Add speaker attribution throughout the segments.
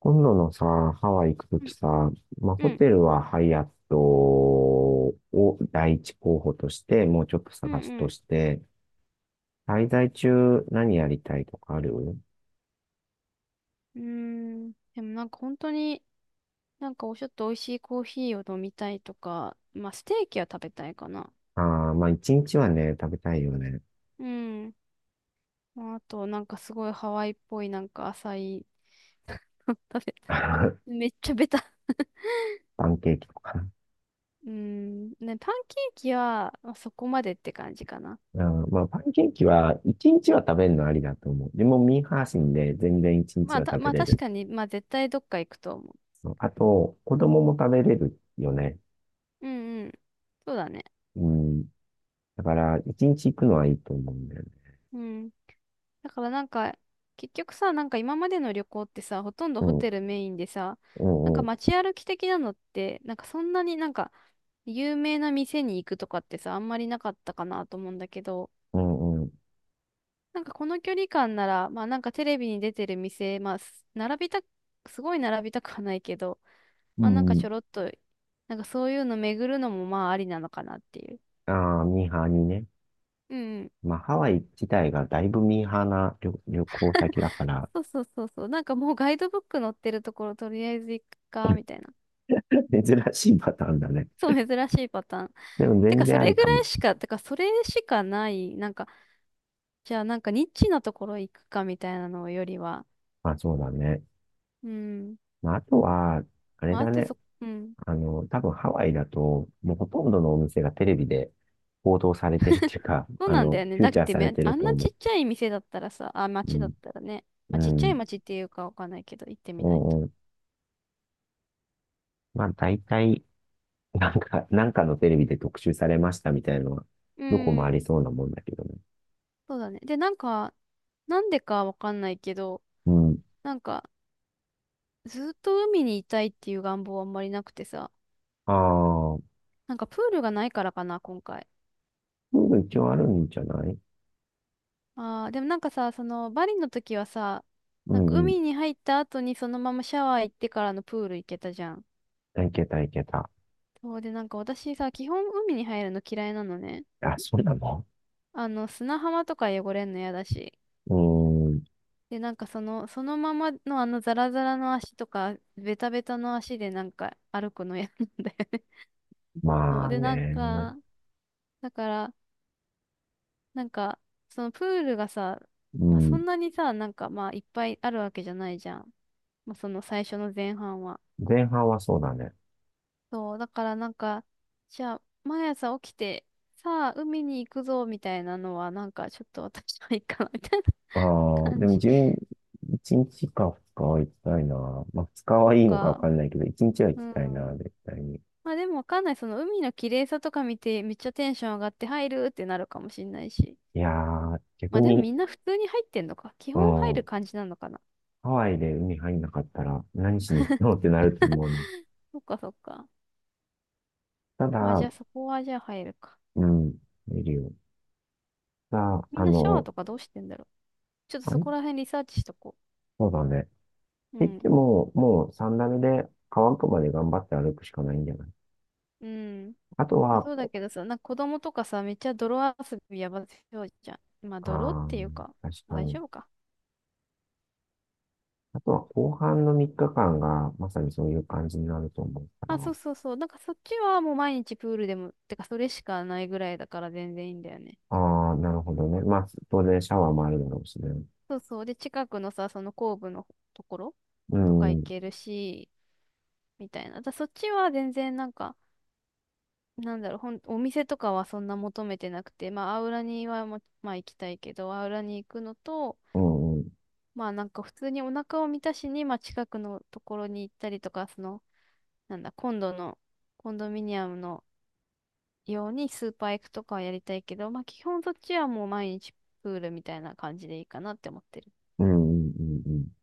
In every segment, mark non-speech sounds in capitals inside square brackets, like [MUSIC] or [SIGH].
Speaker 1: 今度のさ、ハワイ行くと
Speaker 2: う
Speaker 1: き
Speaker 2: ん
Speaker 1: さ、まあ、
Speaker 2: う
Speaker 1: ホ
Speaker 2: ん
Speaker 1: テルはハイアットを第一候補として、もうちょっと
Speaker 2: うん
Speaker 1: 探す
Speaker 2: う
Speaker 1: と
Speaker 2: ん。
Speaker 1: して、滞在中何やりたいとかある？
Speaker 2: うーん。でもなんか本当になんかちょっと美味しいコーヒーを飲みたいとか、まあステーキは食べたいかな。
Speaker 1: ああー、まあ、一日はね、食べたいよね。
Speaker 2: うん。まあ、あとなんかすごいハワイっぽいなんか浅い [LAUGHS] 食べ
Speaker 1: [LAUGHS]
Speaker 2: たい。
Speaker 1: パ
Speaker 2: [LAUGHS] めっちゃベタ。
Speaker 1: ンケーキとか。
Speaker 2: うん。ね、パンケーキは、まあ、そこまでって感じかな。
Speaker 1: うん、まあ、パンケーキは、一日は食べるのありだと思う。でも、ミーハー心で全然一
Speaker 2: ま
Speaker 1: 日
Speaker 2: あ
Speaker 1: は
Speaker 2: た、
Speaker 1: 食べ
Speaker 2: まあ
Speaker 1: れ
Speaker 2: 確
Speaker 1: る。
Speaker 2: かに、まあ絶対どっか行くと思
Speaker 1: そう、あと、子供も食べれるよね。
Speaker 2: う。うんうん。そうだね。
Speaker 1: うん。だから、一日行くのはいいと思うんだよね。
Speaker 2: うん。だからなんか、結局さ、なんか今までの旅行ってさ、ほとんど
Speaker 1: う
Speaker 2: ホ
Speaker 1: ん、
Speaker 2: テルメインでさ、
Speaker 1: う
Speaker 2: なん
Speaker 1: ん、
Speaker 2: か
Speaker 1: うん。
Speaker 2: 街歩き的なのって、なんかそんなになんか有名な店に行くとかってさ、あんまりなかったかなと思うんだけど、
Speaker 1: うんうん。
Speaker 2: なんかこの距離感なら、まあなんかテレビに出てる店、すごい並びたくはないけど、
Speaker 1: う
Speaker 2: まあなんかちょ
Speaker 1: ん。
Speaker 2: ろっと、なんかそういうの巡るのもまあありなのかなっていう。
Speaker 1: ああ、ミーハーにね。
Speaker 2: うんうん。
Speaker 1: まあ、ハワイ自体がだいぶミーハーな旅行先だから、
Speaker 2: そうそうそうそう。なんかもうガイドブック載ってるところとりあえず行くか、みたいな。
Speaker 1: [LAUGHS] 珍しいパターンだね。
Speaker 2: そう、珍しいパターン。
Speaker 1: でも
Speaker 2: て
Speaker 1: 全
Speaker 2: か、そ
Speaker 1: 然あ
Speaker 2: れ
Speaker 1: り
Speaker 2: ぐ
Speaker 1: か
Speaker 2: らい
Speaker 1: も。
Speaker 2: しか、てか、それしかない、なんか、じゃあ、なんか、ニッチなところ行くかみたいなのよりは、
Speaker 1: まあ、そうだね。
Speaker 2: うん。
Speaker 1: まあ、あとは、あれ
Speaker 2: まあ、あ
Speaker 1: だ
Speaker 2: と
Speaker 1: ね。
Speaker 2: うん。
Speaker 1: あの、多分ハワイだと、もうほとんどのお店がテレビで報道されてるっていうか、
Speaker 2: そう
Speaker 1: あ
Speaker 2: なん
Speaker 1: の、
Speaker 2: だよね。
Speaker 1: フュ
Speaker 2: だ
Speaker 1: ー
Speaker 2: っ
Speaker 1: チャー
Speaker 2: て
Speaker 1: されてる
Speaker 2: あん
Speaker 1: と
Speaker 2: な
Speaker 1: 思
Speaker 2: ち
Speaker 1: う。
Speaker 2: っちゃい店だったらさ、あ、
Speaker 1: う
Speaker 2: 町だっ
Speaker 1: ん。
Speaker 2: たらね、ま
Speaker 1: う
Speaker 2: あ、ちっちゃい
Speaker 1: ん。
Speaker 2: 町っていうかわかんないけど、行ってみ
Speaker 1: う
Speaker 2: ないと。
Speaker 1: んうん。まあ、大体、なんか、なんかのテレビで特集されましたみたいなのは、
Speaker 2: う
Speaker 1: どこもあ
Speaker 2: ん。
Speaker 1: りそうなもんだけどね。
Speaker 2: そうだね。で、なんか、なんでかわかんないけど、
Speaker 1: うん。
Speaker 2: なんか、ずっと海にいたいっていう願望はあんまりなくてさ、
Speaker 1: ああ、
Speaker 2: なんかプールがないからかな、今回。
Speaker 1: プール一応あるんじゃない？
Speaker 2: ああ、でもなんかさ、その、バリの時はさ、
Speaker 1: う
Speaker 2: なんか
Speaker 1: んう
Speaker 2: 海に入った後にそのままシャワー行ってからのプール行けたじゃん。
Speaker 1: ん。いけたいけた。
Speaker 2: そうで、なんか私さ、基本海に入るの嫌いなのね。
Speaker 1: あ、そうなの？
Speaker 2: あの、砂浜とか汚れんの嫌だし。
Speaker 1: うーん。
Speaker 2: で、なんかその、そのままのあのザラザラの足とか、ベタベタの足でなんか歩くの嫌なんだよね。[LAUGHS] そ
Speaker 1: ま
Speaker 2: う
Speaker 1: あ
Speaker 2: で、なん
Speaker 1: ね。
Speaker 2: か、だから、なんか、そのプールがさ、
Speaker 1: う
Speaker 2: まあ、そ
Speaker 1: ん。
Speaker 2: んなにさ、なんかまあいっぱいあるわけじゃないじゃん。まあ、その最初の前半は。
Speaker 1: 前半はそうだね。
Speaker 2: そう、だからなんか、じゃあ、毎朝起きて、さあ、海に行くぞ、みたいなのは、なんか、ちょっと私はいいかな、みたいな
Speaker 1: ああ、で
Speaker 2: 感
Speaker 1: も
Speaker 2: じ。
Speaker 1: 自分、
Speaker 2: [LAUGHS]
Speaker 1: 1日か二日は行きたいな。まあ2日
Speaker 2: そっ
Speaker 1: はいいのかわ
Speaker 2: か。
Speaker 1: かんないけど、一日は行
Speaker 2: う
Speaker 1: き
Speaker 2: ん。
Speaker 1: たいな、絶対に。
Speaker 2: まあでもわかんない。その海の綺麗さとか見て、めっちゃテンション上がって入るってなるかもしんないし。
Speaker 1: いやー、
Speaker 2: ま
Speaker 1: 逆
Speaker 2: あでも
Speaker 1: に、
Speaker 2: みんな普通に入ってんのか。基
Speaker 1: う
Speaker 2: 本入る
Speaker 1: ん。
Speaker 2: 感じなのかな。
Speaker 1: ハワイで海入んなかったら何しに行くのってなると思うな。
Speaker 2: そっかそっか。
Speaker 1: た
Speaker 2: まあじ
Speaker 1: だ、
Speaker 2: ゃあそこはじゃあ入るか。
Speaker 1: うん。見るよ。さあ、
Speaker 2: みん
Speaker 1: あ
Speaker 2: なシャワー
Speaker 1: の、
Speaker 2: とかどうしてんだろう。ちょっと
Speaker 1: あ
Speaker 2: そ
Speaker 1: れ、
Speaker 2: こら辺リサーチしとこ
Speaker 1: そうだね。
Speaker 2: う。う
Speaker 1: 言って
Speaker 2: ん。
Speaker 1: も、もうンダ目で乾くまで頑張って歩くしかないんじゃない？
Speaker 2: うん。
Speaker 1: あと
Speaker 2: まあ、
Speaker 1: は、
Speaker 2: そうだけどさ、なんか子供とかさ、めっちゃ泥遊びやばそうじゃん。まあ、
Speaker 1: あ
Speaker 2: 泥っ
Speaker 1: あ、
Speaker 2: ていうか、
Speaker 1: 確
Speaker 2: まあ、
Speaker 1: か
Speaker 2: 大
Speaker 1: に。
Speaker 2: 丈夫か。
Speaker 1: あとは後半の3日間がまさにそういう感じになると思う
Speaker 2: あ、そ
Speaker 1: か
Speaker 2: うそうそう。なんかそっちはもう毎日プールでも、てかそれしかないぐらいだから全然いいんだよね。
Speaker 1: ら。ああ、なるほどね。まあ、当然シャワーもあるだろうしね。
Speaker 2: そうそう。で、近くのさ、その後部のところ
Speaker 1: う
Speaker 2: とか
Speaker 1: ん、う
Speaker 2: 行
Speaker 1: ん、
Speaker 2: けるし、みたいな。そっちは全然なんか、なんだろう、お店とかはそんな求めてなくて、まあ、アウラにはもう、まあ行きたいけど、アウラに行くのと、
Speaker 1: うん、
Speaker 2: まあなんか普通にお腹を満たしに、まあ近くのところに行ったりとか、その、なんだ、今度のコンドミニアムのようにスーパー行くとかはやりたいけど、まあ基本そっちはもう毎日プールみたいな感じでいいかなって思ってる。
Speaker 1: うん、うん、うん。うん。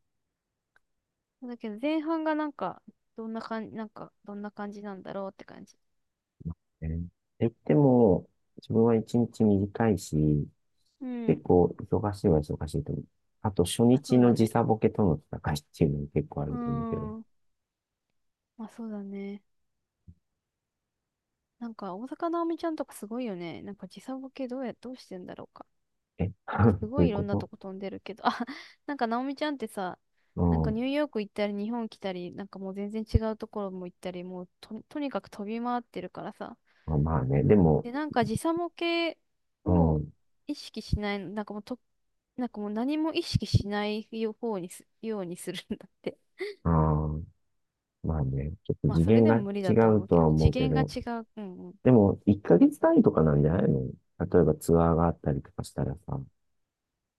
Speaker 2: だけど前半がなんか、どんな感じ、なんか、どんな感じなんだろうって感じ。
Speaker 1: ねえ、言っても、自分は1日短いし、
Speaker 2: う
Speaker 1: 結
Speaker 2: ん。
Speaker 1: 構忙しいは忙しいと思う。あと初
Speaker 2: あ、そ
Speaker 1: 日
Speaker 2: う
Speaker 1: の
Speaker 2: だ
Speaker 1: 時
Speaker 2: ね。
Speaker 1: 差ボケとの戦いっていうのも結構あ
Speaker 2: うー
Speaker 1: ると思うけど。
Speaker 2: ん。まあそうだね。なんか、大坂なおみちゃんとかすごいよね。なんか時差ボケどうしてんだろうか。
Speaker 1: え？ [LAUGHS]
Speaker 2: なんかすご
Speaker 1: どうい
Speaker 2: い
Speaker 1: う
Speaker 2: いろ
Speaker 1: こ
Speaker 2: んな
Speaker 1: と？
Speaker 2: とこ飛んでるけど、あ、[LAUGHS] なんかナオミちゃんってさ、
Speaker 1: う
Speaker 2: なんかニ
Speaker 1: ん。
Speaker 2: ューヨーク行ったり日本来たり、なんかもう全然違うところも行ったり、もうと、とにかく飛び回ってるからさ。
Speaker 1: まあまあね、でも、
Speaker 2: で、なんか時差ボケ
Speaker 1: う
Speaker 2: を
Speaker 1: ん。
Speaker 2: 意識しないの、なんかもうと、なんかもう何も意識しないようにするんだって。
Speaker 1: ああ、まあね、ちょっ
Speaker 2: [LAUGHS]
Speaker 1: と
Speaker 2: まあ
Speaker 1: 次
Speaker 2: それ
Speaker 1: 元
Speaker 2: で
Speaker 1: が
Speaker 2: も無理
Speaker 1: 違
Speaker 2: だと思
Speaker 1: う
Speaker 2: う
Speaker 1: と
Speaker 2: けど、
Speaker 1: は思
Speaker 2: 次
Speaker 1: うけ
Speaker 2: 元が
Speaker 1: ど、
Speaker 2: 違う。うんうん。
Speaker 1: でも、1ヶ月単位とかなんじゃないの？例えばツアーがあったりとかしたらさ。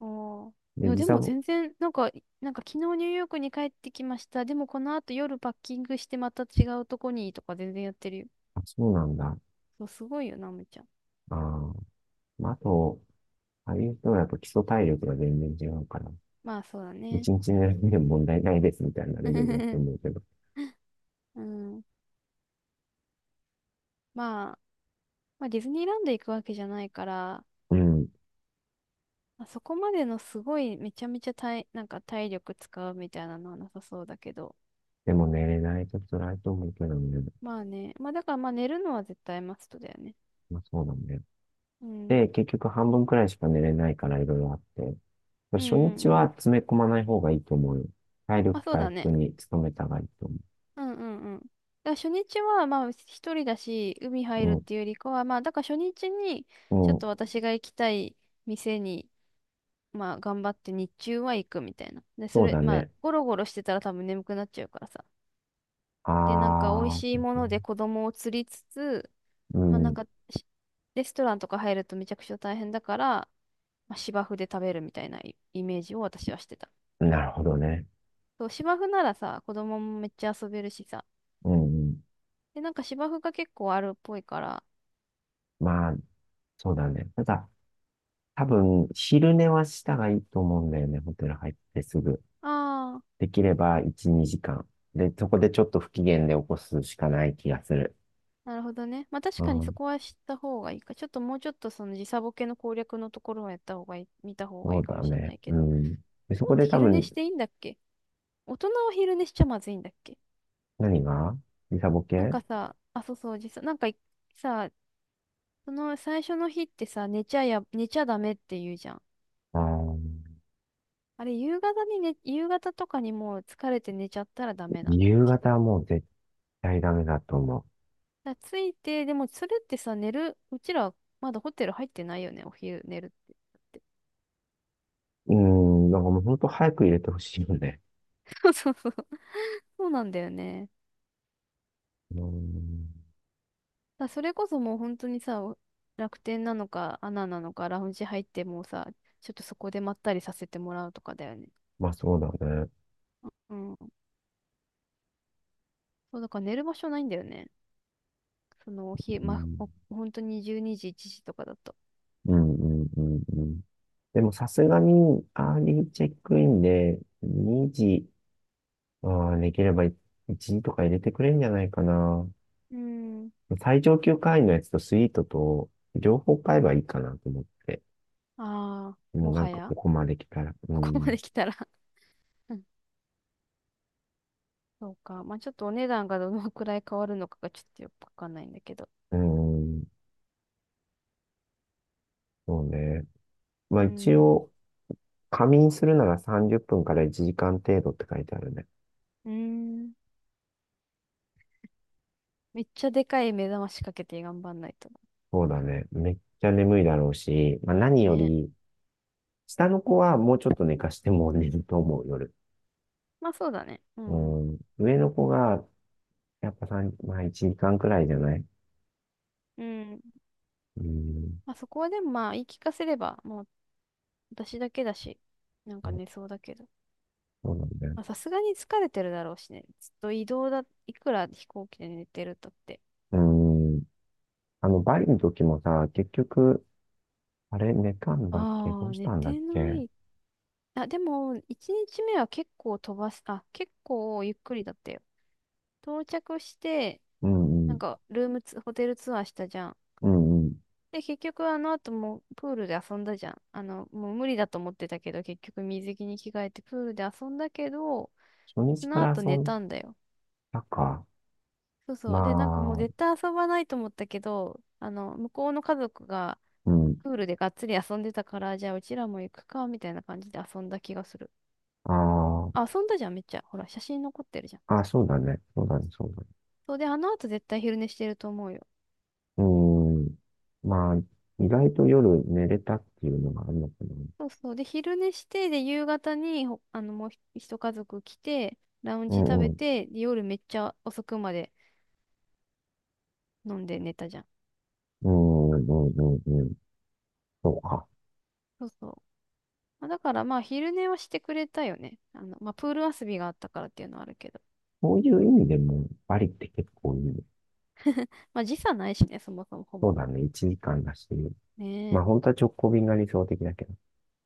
Speaker 2: あーい
Speaker 1: で、
Speaker 2: や、
Speaker 1: 時
Speaker 2: で
Speaker 1: 差
Speaker 2: も
Speaker 1: も、
Speaker 2: 全然、なんか、なんか昨日ニューヨークに帰ってきました。でもこの後夜パッキングしてまた違うとこにとか全然やってるよ。
Speaker 1: あ、そうなんだ。
Speaker 2: そう、すごいよな、むちゃん。
Speaker 1: ああ、まあ、あと、ああいう人はやっぱ基礎体力が全然違うから、
Speaker 2: まあそうだね。
Speaker 1: 1日寝るでも問題ないですみたいなレベルだと思う
Speaker 2: [LAUGHS]
Speaker 1: けど。
Speaker 2: うん。まあ、まあディズニーランド行くわけじゃないから、
Speaker 1: うん。
Speaker 2: まあそこまでのすごいめちゃめちゃなんか体力使うみたいなのはなさそうだけど。
Speaker 1: でも寝れないと辛いと思うけどね。
Speaker 2: まあね。まあだからまあ寝るのは絶対マストだよね。
Speaker 1: まあそうだね。
Speaker 2: うん。
Speaker 1: で、結局半分くらいしか寝れないからいろいろあって。
Speaker 2: うんう
Speaker 1: 初日
Speaker 2: んうん。
Speaker 1: は詰め込まない方がいいと思うよ。体
Speaker 2: ま
Speaker 1: 力
Speaker 2: あそう
Speaker 1: 回
Speaker 2: だ
Speaker 1: 復
Speaker 2: ね。
Speaker 1: に努めた方がいいと
Speaker 2: うんうんうん。だから初日はまあ一人だし、海入るっ
Speaker 1: 思う。
Speaker 2: ていうよりかは、まあだから初日に
Speaker 1: う
Speaker 2: ちょ
Speaker 1: ん、
Speaker 2: っ
Speaker 1: うん、
Speaker 2: と私が行きたい店に、まあ頑張って日中は行くみたいな。で、そ
Speaker 1: そう
Speaker 2: れ、
Speaker 1: だ
Speaker 2: まあ
Speaker 1: ね。
Speaker 2: ゴロゴロしてたら多分眠くなっちゃうからさ。で、なんか美味
Speaker 1: あ
Speaker 2: しい
Speaker 1: ー、
Speaker 2: もので子供を釣りつつ、
Speaker 1: う
Speaker 2: まあなん
Speaker 1: ん、
Speaker 2: かレストランとか入るとめちゃくちゃ大変だから、まあ、芝生で食べるみたいなイイメージを私はしてた。
Speaker 1: なるほどね。
Speaker 2: そう、芝生ならさ、子供もめっちゃ遊べるしさ。
Speaker 1: うん、うん。
Speaker 2: で、なんか芝生が結構あるっぽいから、
Speaker 1: まあ、そうだね。ただ、多分、昼寝はした方がいいと思うんだよね。ホテル入ってすぐ。
Speaker 2: ああ、
Speaker 1: できれば1、2時間。で、そこでちょっと不機嫌で起こすしかない気がする。
Speaker 2: なるほどね。まあ確
Speaker 1: う
Speaker 2: かにそ
Speaker 1: ん、
Speaker 2: こは知った方がいいか。ちょっともうちょっとその時差ボケの攻略のところはやった方がいい、見た方が
Speaker 1: そ
Speaker 2: いい
Speaker 1: う
Speaker 2: か
Speaker 1: だ
Speaker 2: もしれな
Speaker 1: ね。
Speaker 2: いけ
Speaker 1: う
Speaker 2: ど。
Speaker 1: ん。で、そ
Speaker 2: も
Speaker 1: こ
Speaker 2: っ
Speaker 1: で
Speaker 2: て
Speaker 1: 多
Speaker 2: 昼寝
Speaker 1: 分、
Speaker 2: していいんだっけ。大人は昼寝しちゃまずいんだっけ。
Speaker 1: 何が？時差ボ
Speaker 2: なん
Speaker 1: ケ？
Speaker 2: かさ、あ、そうそう、時差、なんかさ、その最初の日ってさ、寝ちゃダメって言うじゃん。
Speaker 1: あー、
Speaker 2: あれ、夕方にね、夕方とかにもう疲れて寝ちゃったらダメなんだっ
Speaker 1: 夕
Speaker 2: け。
Speaker 1: 方はもう絶対ダメだと思
Speaker 2: だからついて、でもそれってさ、うちらまだホテル入ってないよね、お昼寝るって。
Speaker 1: う。うん、なんかもう本当早く入れてほしいよね。
Speaker 2: [LAUGHS] そうそうそう。そうなんだよね。
Speaker 1: うん、
Speaker 2: それこそもう本当にさ、楽天なのか、アナなのか、ラウンジ入ってもうさ、ちょっとそこでまったりさせてもらうとかだよね。
Speaker 1: まあそうだね。
Speaker 2: うん。そう、だから寝る場所ないんだよね。その、ひ、
Speaker 1: う
Speaker 2: ま、
Speaker 1: ん、
Speaker 2: お、本当に12時、1時とかだと。
Speaker 1: うん、うん、うん。うん。でもさすがに、アーリーチェックインで2時、ああできれば1時とか入れてくれるんじゃないかな。
Speaker 2: うん。
Speaker 1: 最上級会員のやつとスイートと、両方買えばいいかなと思って。
Speaker 2: ああ、
Speaker 1: もう
Speaker 2: も
Speaker 1: なん
Speaker 2: は
Speaker 1: かこ
Speaker 2: や、
Speaker 1: こまで来たら。
Speaker 2: [LAUGHS]
Speaker 1: う
Speaker 2: ここまで
Speaker 1: ん、
Speaker 2: 来たら [LAUGHS] うん。そうか。まあ、ちょっとお値段がどのくらい変わるのかがちょっとよくわかんないんだけど。
Speaker 1: うん、そうね。まあ
Speaker 2: う
Speaker 1: 一
Speaker 2: ん。
Speaker 1: 応、仮眠するなら30分から1時間程度って書いてあるね。
Speaker 2: うーん。めっちゃでかい目覚ましかけて頑張んないと。
Speaker 1: そうだね。めっちゃ眠いだろうし、まあ、何よ
Speaker 2: ね。
Speaker 1: り、下の子はもうちょっと寝かしても寝ると思う、夜。
Speaker 2: まあ、そうだね。う
Speaker 1: う
Speaker 2: んうん。
Speaker 1: ん。上の子が、やっぱ3、まあ1時間くらいじゃない？
Speaker 2: うん。
Speaker 1: うん。
Speaker 2: まあ、そこはでもまあ、言い聞かせれば、もう私だけだし、なんか
Speaker 1: まあ
Speaker 2: 寝そうだけど。
Speaker 1: そうなんだよ。
Speaker 2: まあ、さすがに疲れてるだろうしね。ずっと移動だ、いくら飛行機で寝てるとって。
Speaker 1: うん。あの、バリの時もさ、結局、あれ、寝たんだっけ？ど
Speaker 2: あ
Speaker 1: う
Speaker 2: あ、
Speaker 1: し
Speaker 2: 寝
Speaker 1: たんだっ
Speaker 2: てな
Speaker 1: け？
Speaker 2: い。あ、でも、1日目は結構飛ばす、あ、結構ゆっくりだったよ。到着して、
Speaker 1: うんう
Speaker 2: なん
Speaker 1: ん。
Speaker 2: か、ルームツ、ホテルツアーしたじゃん。
Speaker 1: うんうん。
Speaker 2: で、結局あの後もプールで遊んだじゃん。あの、もう無理だと思ってたけど、結局水着に着替えてプールで遊んだけど、
Speaker 1: 初
Speaker 2: そ
Speaker 1: 日か
Speaker 2: の
Speaker 1: ら
Speaker 2: 後
Speaker 1: 遊
Speaker 2: 寝
Speaker 1: ん
Speaker 2: たんだよ。
Speaker 1: だか。
Speaker 2: そう
Speaker 1: ま
Speaker 2: そう。で、なんかもう
Speaker 1: あ、
Speaker 2: 絶対遊ばないと思ったけど、あの、向こうの家族が
Speaker 1: うん。
Speaker 2: プールでがっつり遊んでたから、じゃあうちらも行くか、みたいな感じで遊んだ気がする。
Speaker 1: ああ。
Speaker 2: あ、遊んだじゃん、めっちゃ。ほら、写真残ってるじゃん。
Speaker 1: あ、そうだね。そうだね、そうだね。
Speaker 2: そうで、あの後絶対昼寝してると思うよ。
Speaker 1: うーん。まあ、意外と夜寝れたっていうのがあるのかな。
Speaker 2: そうそう。で、昼寝して、で、夕方にあの、もう一家族来て、ラウン
Speaker 1: う
Speaker 2: ジ食
Speaker 1: んう
Speaker 2: べ
Speaker 1: ん。
Speaker 2: て、で、夜めっちゃ遅くまで飲んで寝たじゃん。
Speaker 1: うんうんうんうんうん。そうか。
Speaker 2: そうそう。まあだからまあ、昼寝はしてくれたよね。あの、まあ、プール遊びがあったからっていうのはあるけど。
Speaker 1: そういう意味でも、バリって結構いいね。
Speaker 2: まあ、時差ないしね、そもそもほ
Speaker 1: そう
Speaker 2: ぼ。
Speaker 1: だね。1時間だし。
Speaker 2: ね
Speaker 1: まあ、
Speaker 2: え。
Speaker 1: 本当は直行便が理想的だけど。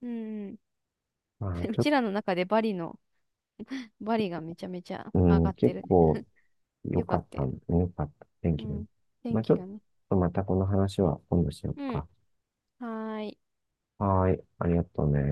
Speaker 2: うんうん。
Speaker 1: まあ、
Speaker 2: [LAUGHS] う
Speaker 1: ちょっと、
Speaker 2: ちらの中でバリの、バリがめちゃめちゃ
Speaker 1: う
Speaker 2: 上が
Speaker 1: ん、
Speaker 2: って
Speaker 1: 結
Speaker 2: るね。
Speaker 1: 構良
Speaker 2: よか
Speaker 1: か
Speaker 2: っ
Speaker 1: っ
Speaker 2: た
Speaker 1: た
Speaker 2: よ
Speaker 1: ん、
Speaker 2: ね。
Speaker 1: 良かった。天
Speaker 2: う
Speaker 1: 気も。
Speaker 2: ん。
Speaker 1: ま
Speaker 2: 天
Speaker 1: あ、ちょ
Speaker 2: 気
Speaker 1: っ
Speaker 2: がね。
Speaker 1: とまたこの話は今度しよう
Speaker 2: うん。
Speaker 1: か。
Speaker 2: はーい。
Speaker 1: はーい。ありがとうね。